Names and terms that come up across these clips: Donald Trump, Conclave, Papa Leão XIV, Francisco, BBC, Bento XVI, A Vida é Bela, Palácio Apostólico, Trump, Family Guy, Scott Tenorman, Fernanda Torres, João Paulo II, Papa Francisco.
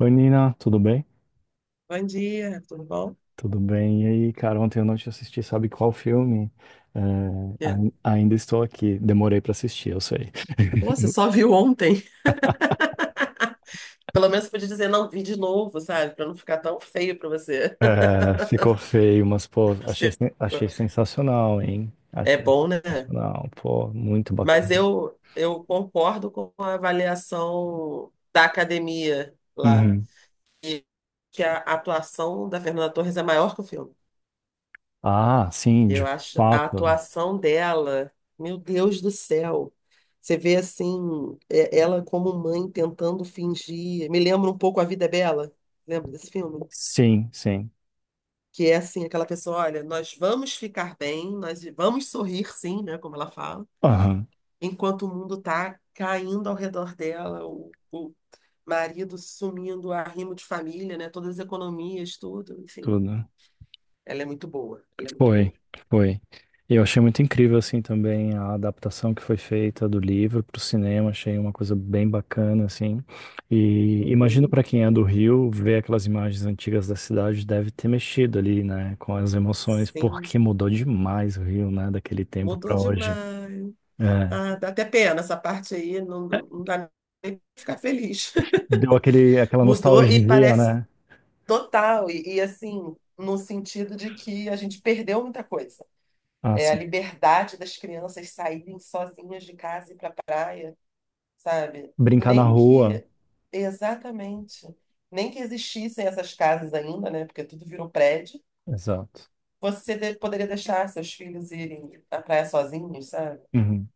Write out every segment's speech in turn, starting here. Oi, Nina, tudo bem? Bom dia, tudo bom? Tudo bem. E aí, cara, ontem à noite eu assisti, sabe qual filme? É, É. Ainda estou aqui. Demorei pra assistir, eu sei. Pô, você só viu ontem. Pelo menos você podia dizer não vi de novo, sabe? Pra não ficar tão feio pra você. É, ficou feio, mas, pô, achei, achei sensacional, hein? É Achei bom, né? sensacional, pô, muito bacana. Mas eu concordo com a avaliação da academia lá, Uhum. que a atuação da Fernanda Torres é maior que o filme. Ah, sim, Eu de acho a fato. atuação dela, meu Deus do céu. Você vê assim, ela como mãe tentando fingir. Me lembra um pouco A Vida é Bela. Lembra desse filme? Sim, sim. Que é assim, aquela pessoa, olha, nós vamos ficar bem, nós vamos sorrir sim, né, como ela fala, Aham, enquanto o mundo tá caindo ao redor dela, o marido sumindo, arrimo de família, né, todas as economias, tudo, enfim. tudo. Ela é muito boa, ela é muito Foi, boa. foi. Eu achei muito incrível, assim, também a adaptação que foi feita do livro para o cinema. Achei uma coisa bem bacana, assim. E imagino Uhum. para quem é do Rio, ver aquelas imagens antigas da cidade deve ter mexido ali, né, com as emoções, Sim, porque mudou demais o Rio, né, daquele tempo mudou para hoje. demais. É. Ah, dá até pena essa parte aí, não, não dá nem pra ficar feliz. Deu aquela Mudou e nostalgia, parece né? total, e assim, no sentido de que a gente perdeu muita coisa. Ah, É a sim. liberdade das crianças saírem sozinhas de casa e ir para a praia, sabe? Brincar na Nem rua. que, exatamente, nem que existissem essas casas ainda, né? Porque tudo virou prédio. Exato. Poderia deixar seus filhos irem à praia sozinhos, sabe? Uhum.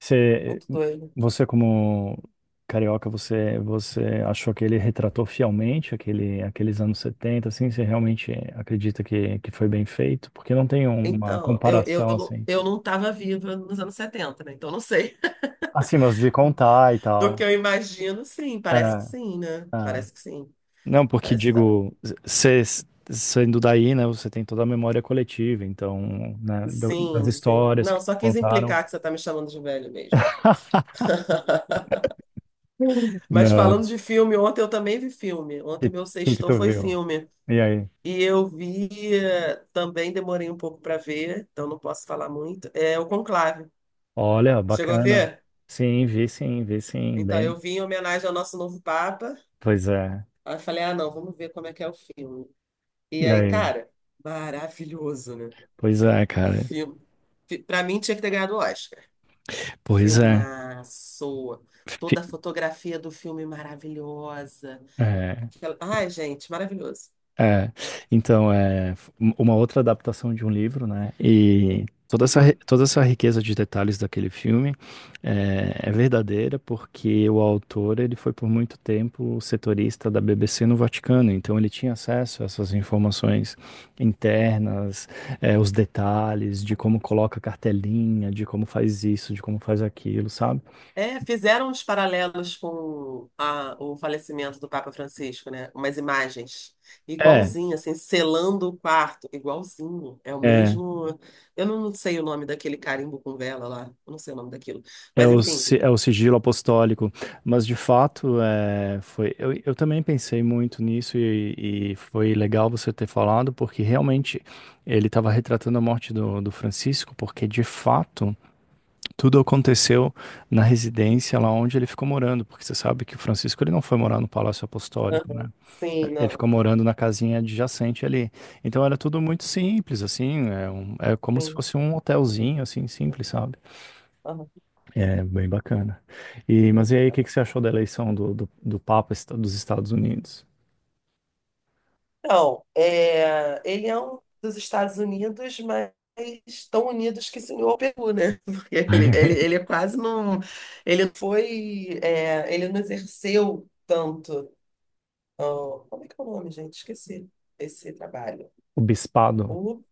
Você, Muito doido. você como carioca, você, você achou que ele retratou fielmente aqueles anos 70? Assim? Você realmente acredita que foi bem feito? Porque não tem uma Então, comparação, assim. eu não estava viva nos anos 70, né? Então, não sei. Assim, mas de contar e Do que tal. eu imagino, sim, parece que É, sim, né? é. Parece que sim, Não, porque parece que dá. digo, cê, sendo daí, né, você tem toda a memória coletiva, então, né, das Sim, sim. histórias que Não, só te quis contaram. implicar que você tá me chamando de velho mesmo. Mas Não. falando de filme, ontem eu também vi filme. Ontem que, meu que sextou tu foi viu? filme. E aí? E eu vi, também demorei um pouco para ver, então não posso falar muito. É o Conclave. Olha, Chegou a bacana. ver? Sim, vi sim, vi sim, Então, bem. eu vi em homenagem ao nosso novo Papa. Pois é. Aí eu falei, ah, não, vamos ver como é que é o filme. E E aí, aí? cara, maravilhoso, né? Pois é, cara. Filme. Pra mim, tinha que ter ganhado o Oscar. Pois é. Filmaço. Fi- Toda a fotografia do filme maravilhosa. é. Ai, gente, maravilhoso. É, então, uma outra adaptação de um livro, né? E toda essa, Uhum. toda essa riqueza de detalhes daquele filme é verdadeira porque o autor, ele foi por muito tempo setorista da BBC no Vaticano, então ele tinha acesso a essas informações internas, é, os detalhes de como coloca a cartelinha, de como faz isso, de como faz aquilo, sabe? É, fizeram uns paralelos com o falecimento do Papa Francisco, né? Umas imagens. É, Igualzinho, assim, selando o quarto. Igualzinho. É o é. mesmo. Eu não sei o nome daquele carimbo com vela lá. Eu não sei o nome daquilo. É Mas, o, enfim. É o sigilo apostólico, mas de fato foi. Eu também pensei muito nisso e foi legal você ter falado, porque realmente ele estava retratando a morte do, do Francisco, porque de fato tudo aconteceu na residência lá onde ele ficou morando, porque você sabe que o Francisco ele não foi morar no Palácio Apostólico, né? Aham. Sim, Ele não. ficou morando na casinha adjacente ali. Então era tudo muito simples, assim, é, é como se Sim. fosse um hotelzinho, assim, simples, sabe? É, bem bacana. E, mas e aí, o Aham. que que você achou da eleição do, do, do Papa dos Estados Unidos? Não, é, ele é um dos Estados Unidos, mas tão unidos que se uniu ao Peru, né? Porque ele é quase não. Ele foi. É, ele não exerceu tanto. Ó, como é que é o nome, gente? Esqueci esse trabalho. O bispado? O,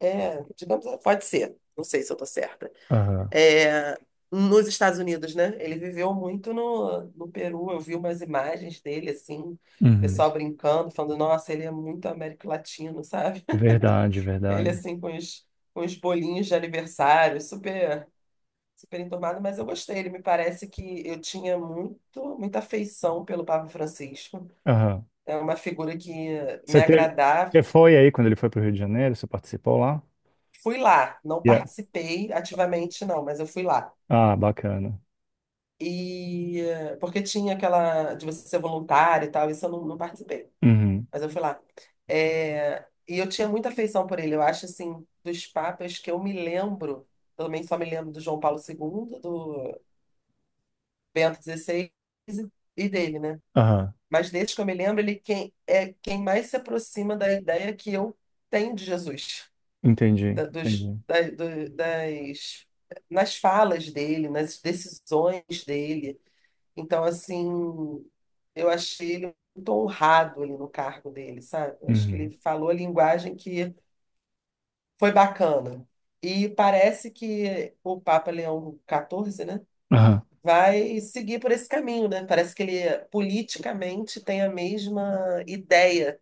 é, digamos, pode ser. Não sei se eu estou certa. Aham. É, nos Estados Unidos, né? Ele viveu muito no Peru. Eu vi umas imagens dele, assim, o Uhum. pessoal brincando, falando, nossa, ele é muito Américo Latino, sabe? Verdade, Ele verdade. assim com os bolinhos de aniversário, super enturmado, mas eu gostei. Ele me parece que eu tinha muito muita afeição pelo Papa Francisco. Aham. É uma figura que me Você teve, agradava. você foi aí quando ele foi para o Rio de Janeiro? Você participou lá? Fui lá, não Yeah. participei ativamente não, mas eu fui lá. Ah, bacana. E porque tinha aquela de você ser voluntário e tal, isso eu não participei, Uhum. mas eu fui lá. É, e eu tinha muita afeição por ele. Eu acho assim, dos papas que eu me lembro, também só me lembro do João Paulo II do Bento XVI e dele, né? Aham. Mas desses que eu me lembro, é quem mais se aproxima da ideia que eu tenho de Jesus, Entendi, da- dos, entendi. da- do- das, nas falas dele, nas decisões dele. Então, assim, eu achei ele muito honrado ali no cargo dele, sabe? Eu acho que ele Uhum. falou a linguagem que foi bacana. E parece que o Papa Leão XIV, né? Aham. Vai seguir por esse caminho, né? Parece que ele politicamente tem a mesma ideia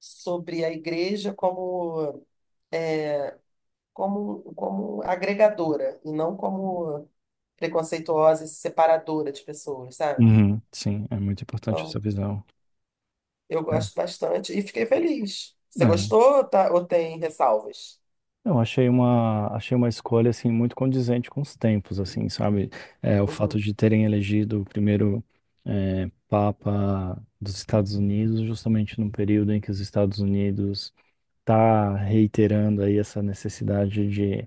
sobre a igreja como agregadora e não como preconceituosa e separadora de pessoas, sabe? Uhum. Sim, é muito importante essa Então, visão. eu É. gosto bastante e fiquei feliz. Você É. gostou, tá? Ou tem ressalvas? Eu achei uma escolha assim muito condizente com os tempos, assim, sabe? É, o fato Uhum. de terem elegido o primeiro é, Papa dos Estados Unidos, justamente num período em que os Estados Unidos está reiterando aí essa necessidade de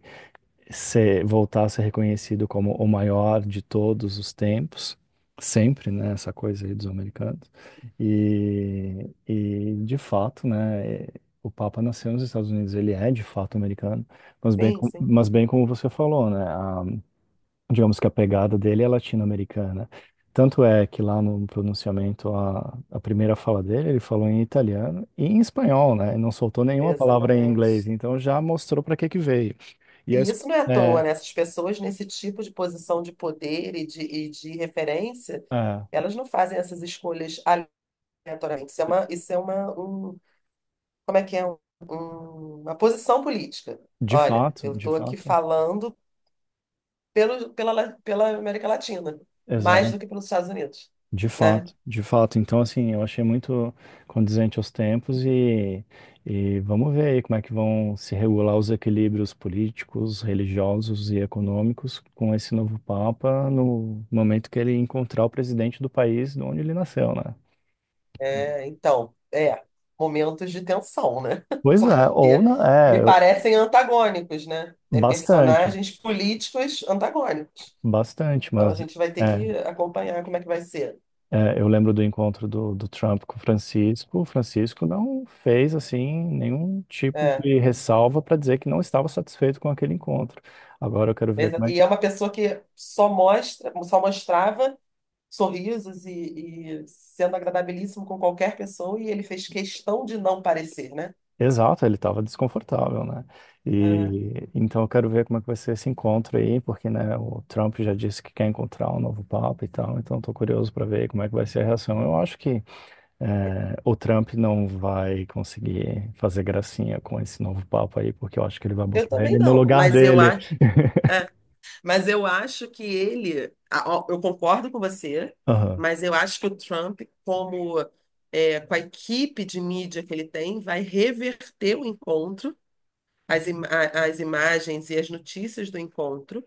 ser, voltar a ser reconhecido como o maior de todos os tempos, sempre, né, essa coisa aí dos americanos. E de fato, né, é, o Papa nasceu nos Estados Unidos, ele é de fato americano, mas bem, Sim, sim, mas bem como você falou, né, a- digamos que a pegada dele é latino-americana. Tanto é que lá no pronunciamento, a primeira fala dele, ele falou em italiano e em espanhol, né? E não soltou nenhuma palavra em inglês, exatamente. então já mostrou para que que veio. E a, E isso não é à toa, né? Essas pessoas nesse tipo de posição de poder e e de referência, é, elas não fazem essas escolhas aleatoriamente. Isso é uma, como é que é? Uma posição política. Olha, eu de estou aqui fato, falando pela América Latina, mais exato, do que pelos Estados Unidos, de né? fato, de fato. Então, assim, eu achei muito condizente aos tempos e vamos ver aí como é que vão se regular os equilíbrios políticos, religiosos e econômicos com esse novo Papa no momento que ele encontrar o presidente do país de onde ele nasceu, né? É, então, é, momentos de tensão, né? Pois é, ou Porque não, me é, parecem antagônicos, né? É, bastante, personagens políticos antagônicos. bastante, Então a mas gente vai ter é, que acompanhar como é que vai ser. é, eu lembro do encontro do, do Trump com o Francisco. O Francisco não fez assim nenhum tipo É, de ressalva para dizer que não estava satisfeito com aquele encontro. Agora eu quero ver beleza? como é. E é uma pessoa que só mostra, só mostrava sorrisos e sendo agradabilíssimo com qualquer pessoa, e ele fez questão de não parecer, né? Exato, ele estava desconfortável, né? É, E então eu quero ver como é que vai ser esse encontro aí, porque né, o Trump já disse que quer encontrar um novo papa e tal. Então estou curioso para ver como é que vai ser a reação. Eu acho que é, o Trump não vai conseguir fazer gracinha com esse novo papa aí, porque eu acho que ele vai eu botar também ele no não, lugar dele. É, mas eu acho que ó, eu concordo com você, Aham. mas eu acho que o Trump, com a equipe de mídia que ele tem, vai reverter o encontro, as imagens e as notícias do encontro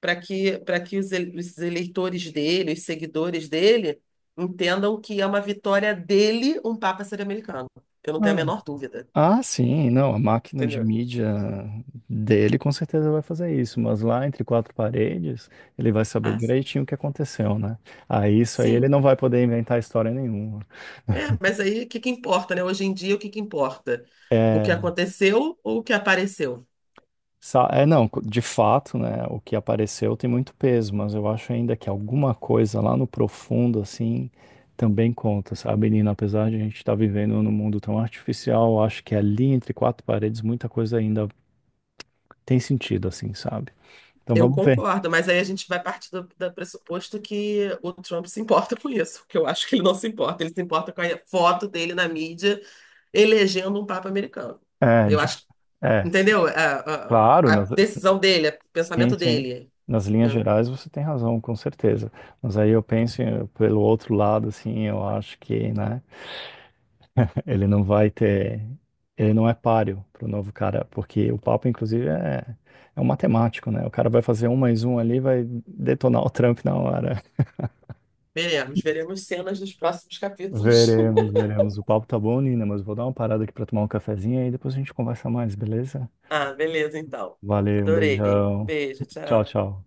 para que os eleitores dele, os seguidores dele, entendam que é uma vitória dele um Papa ser americano. Eu não tenho a Ah, menor dúvida. ah, sim, não, a máquina de Entendeu? mídia dele com certeza vai fazer isso, mas lá entre quatro paredes, ele vai saber Ah, direitinho o que aconteceu, né? Aí isso aí ele sim. não vai poder inventar história nenhuma. É, mas aí o que que importa, né? Hoje em dia, o que que importa? O É, que aconteceu ou o que apareceu? É não, de fato, né, o que apareceu tem muito peso, mas eu acho ainda que alguma coisa lá no profundo, assim, também conta, sabe, Nina? Apesar de a gente estar vivendo num mundo tão artificial, eu acho que ali entre quatro paredes muita coisa ainda tem sentido, assim, sabe? Então Eu vamos ver. concordo, mas aí a gente vai partir do pressuposto que o Trump se importa com isso, porque eu acho que ele não se importa. Ele se importa com a foto dele na mídia elegendo um Papa americano. É, Eu acho, é, sim, entendeu? Claro, A decisão dele, o sim, pensamento sim. dele, Nas linhas né? gerais você tem razão, com certeza. Mas aí eu penso pelo outro lado, assim, eu acho que, né, ele não vai ter, ele não é páreo para o novo cara, porque o papo, inclusive, é, é um matemático, né? O cara vai fazer um mais um ali, vai detonar o Trump na hora. Veremos, veremos cenas dos próximos capítulos. Veremos, veremos. O papo tá bom, Nina, mas eu vou dar uma parada aqui para tomar um cafezinho e depois a gente conversa mais, beleza? Ah, beleza, então. Valeu, um Adorei. Um beijão. beijo, Tchau, tchau. tchau.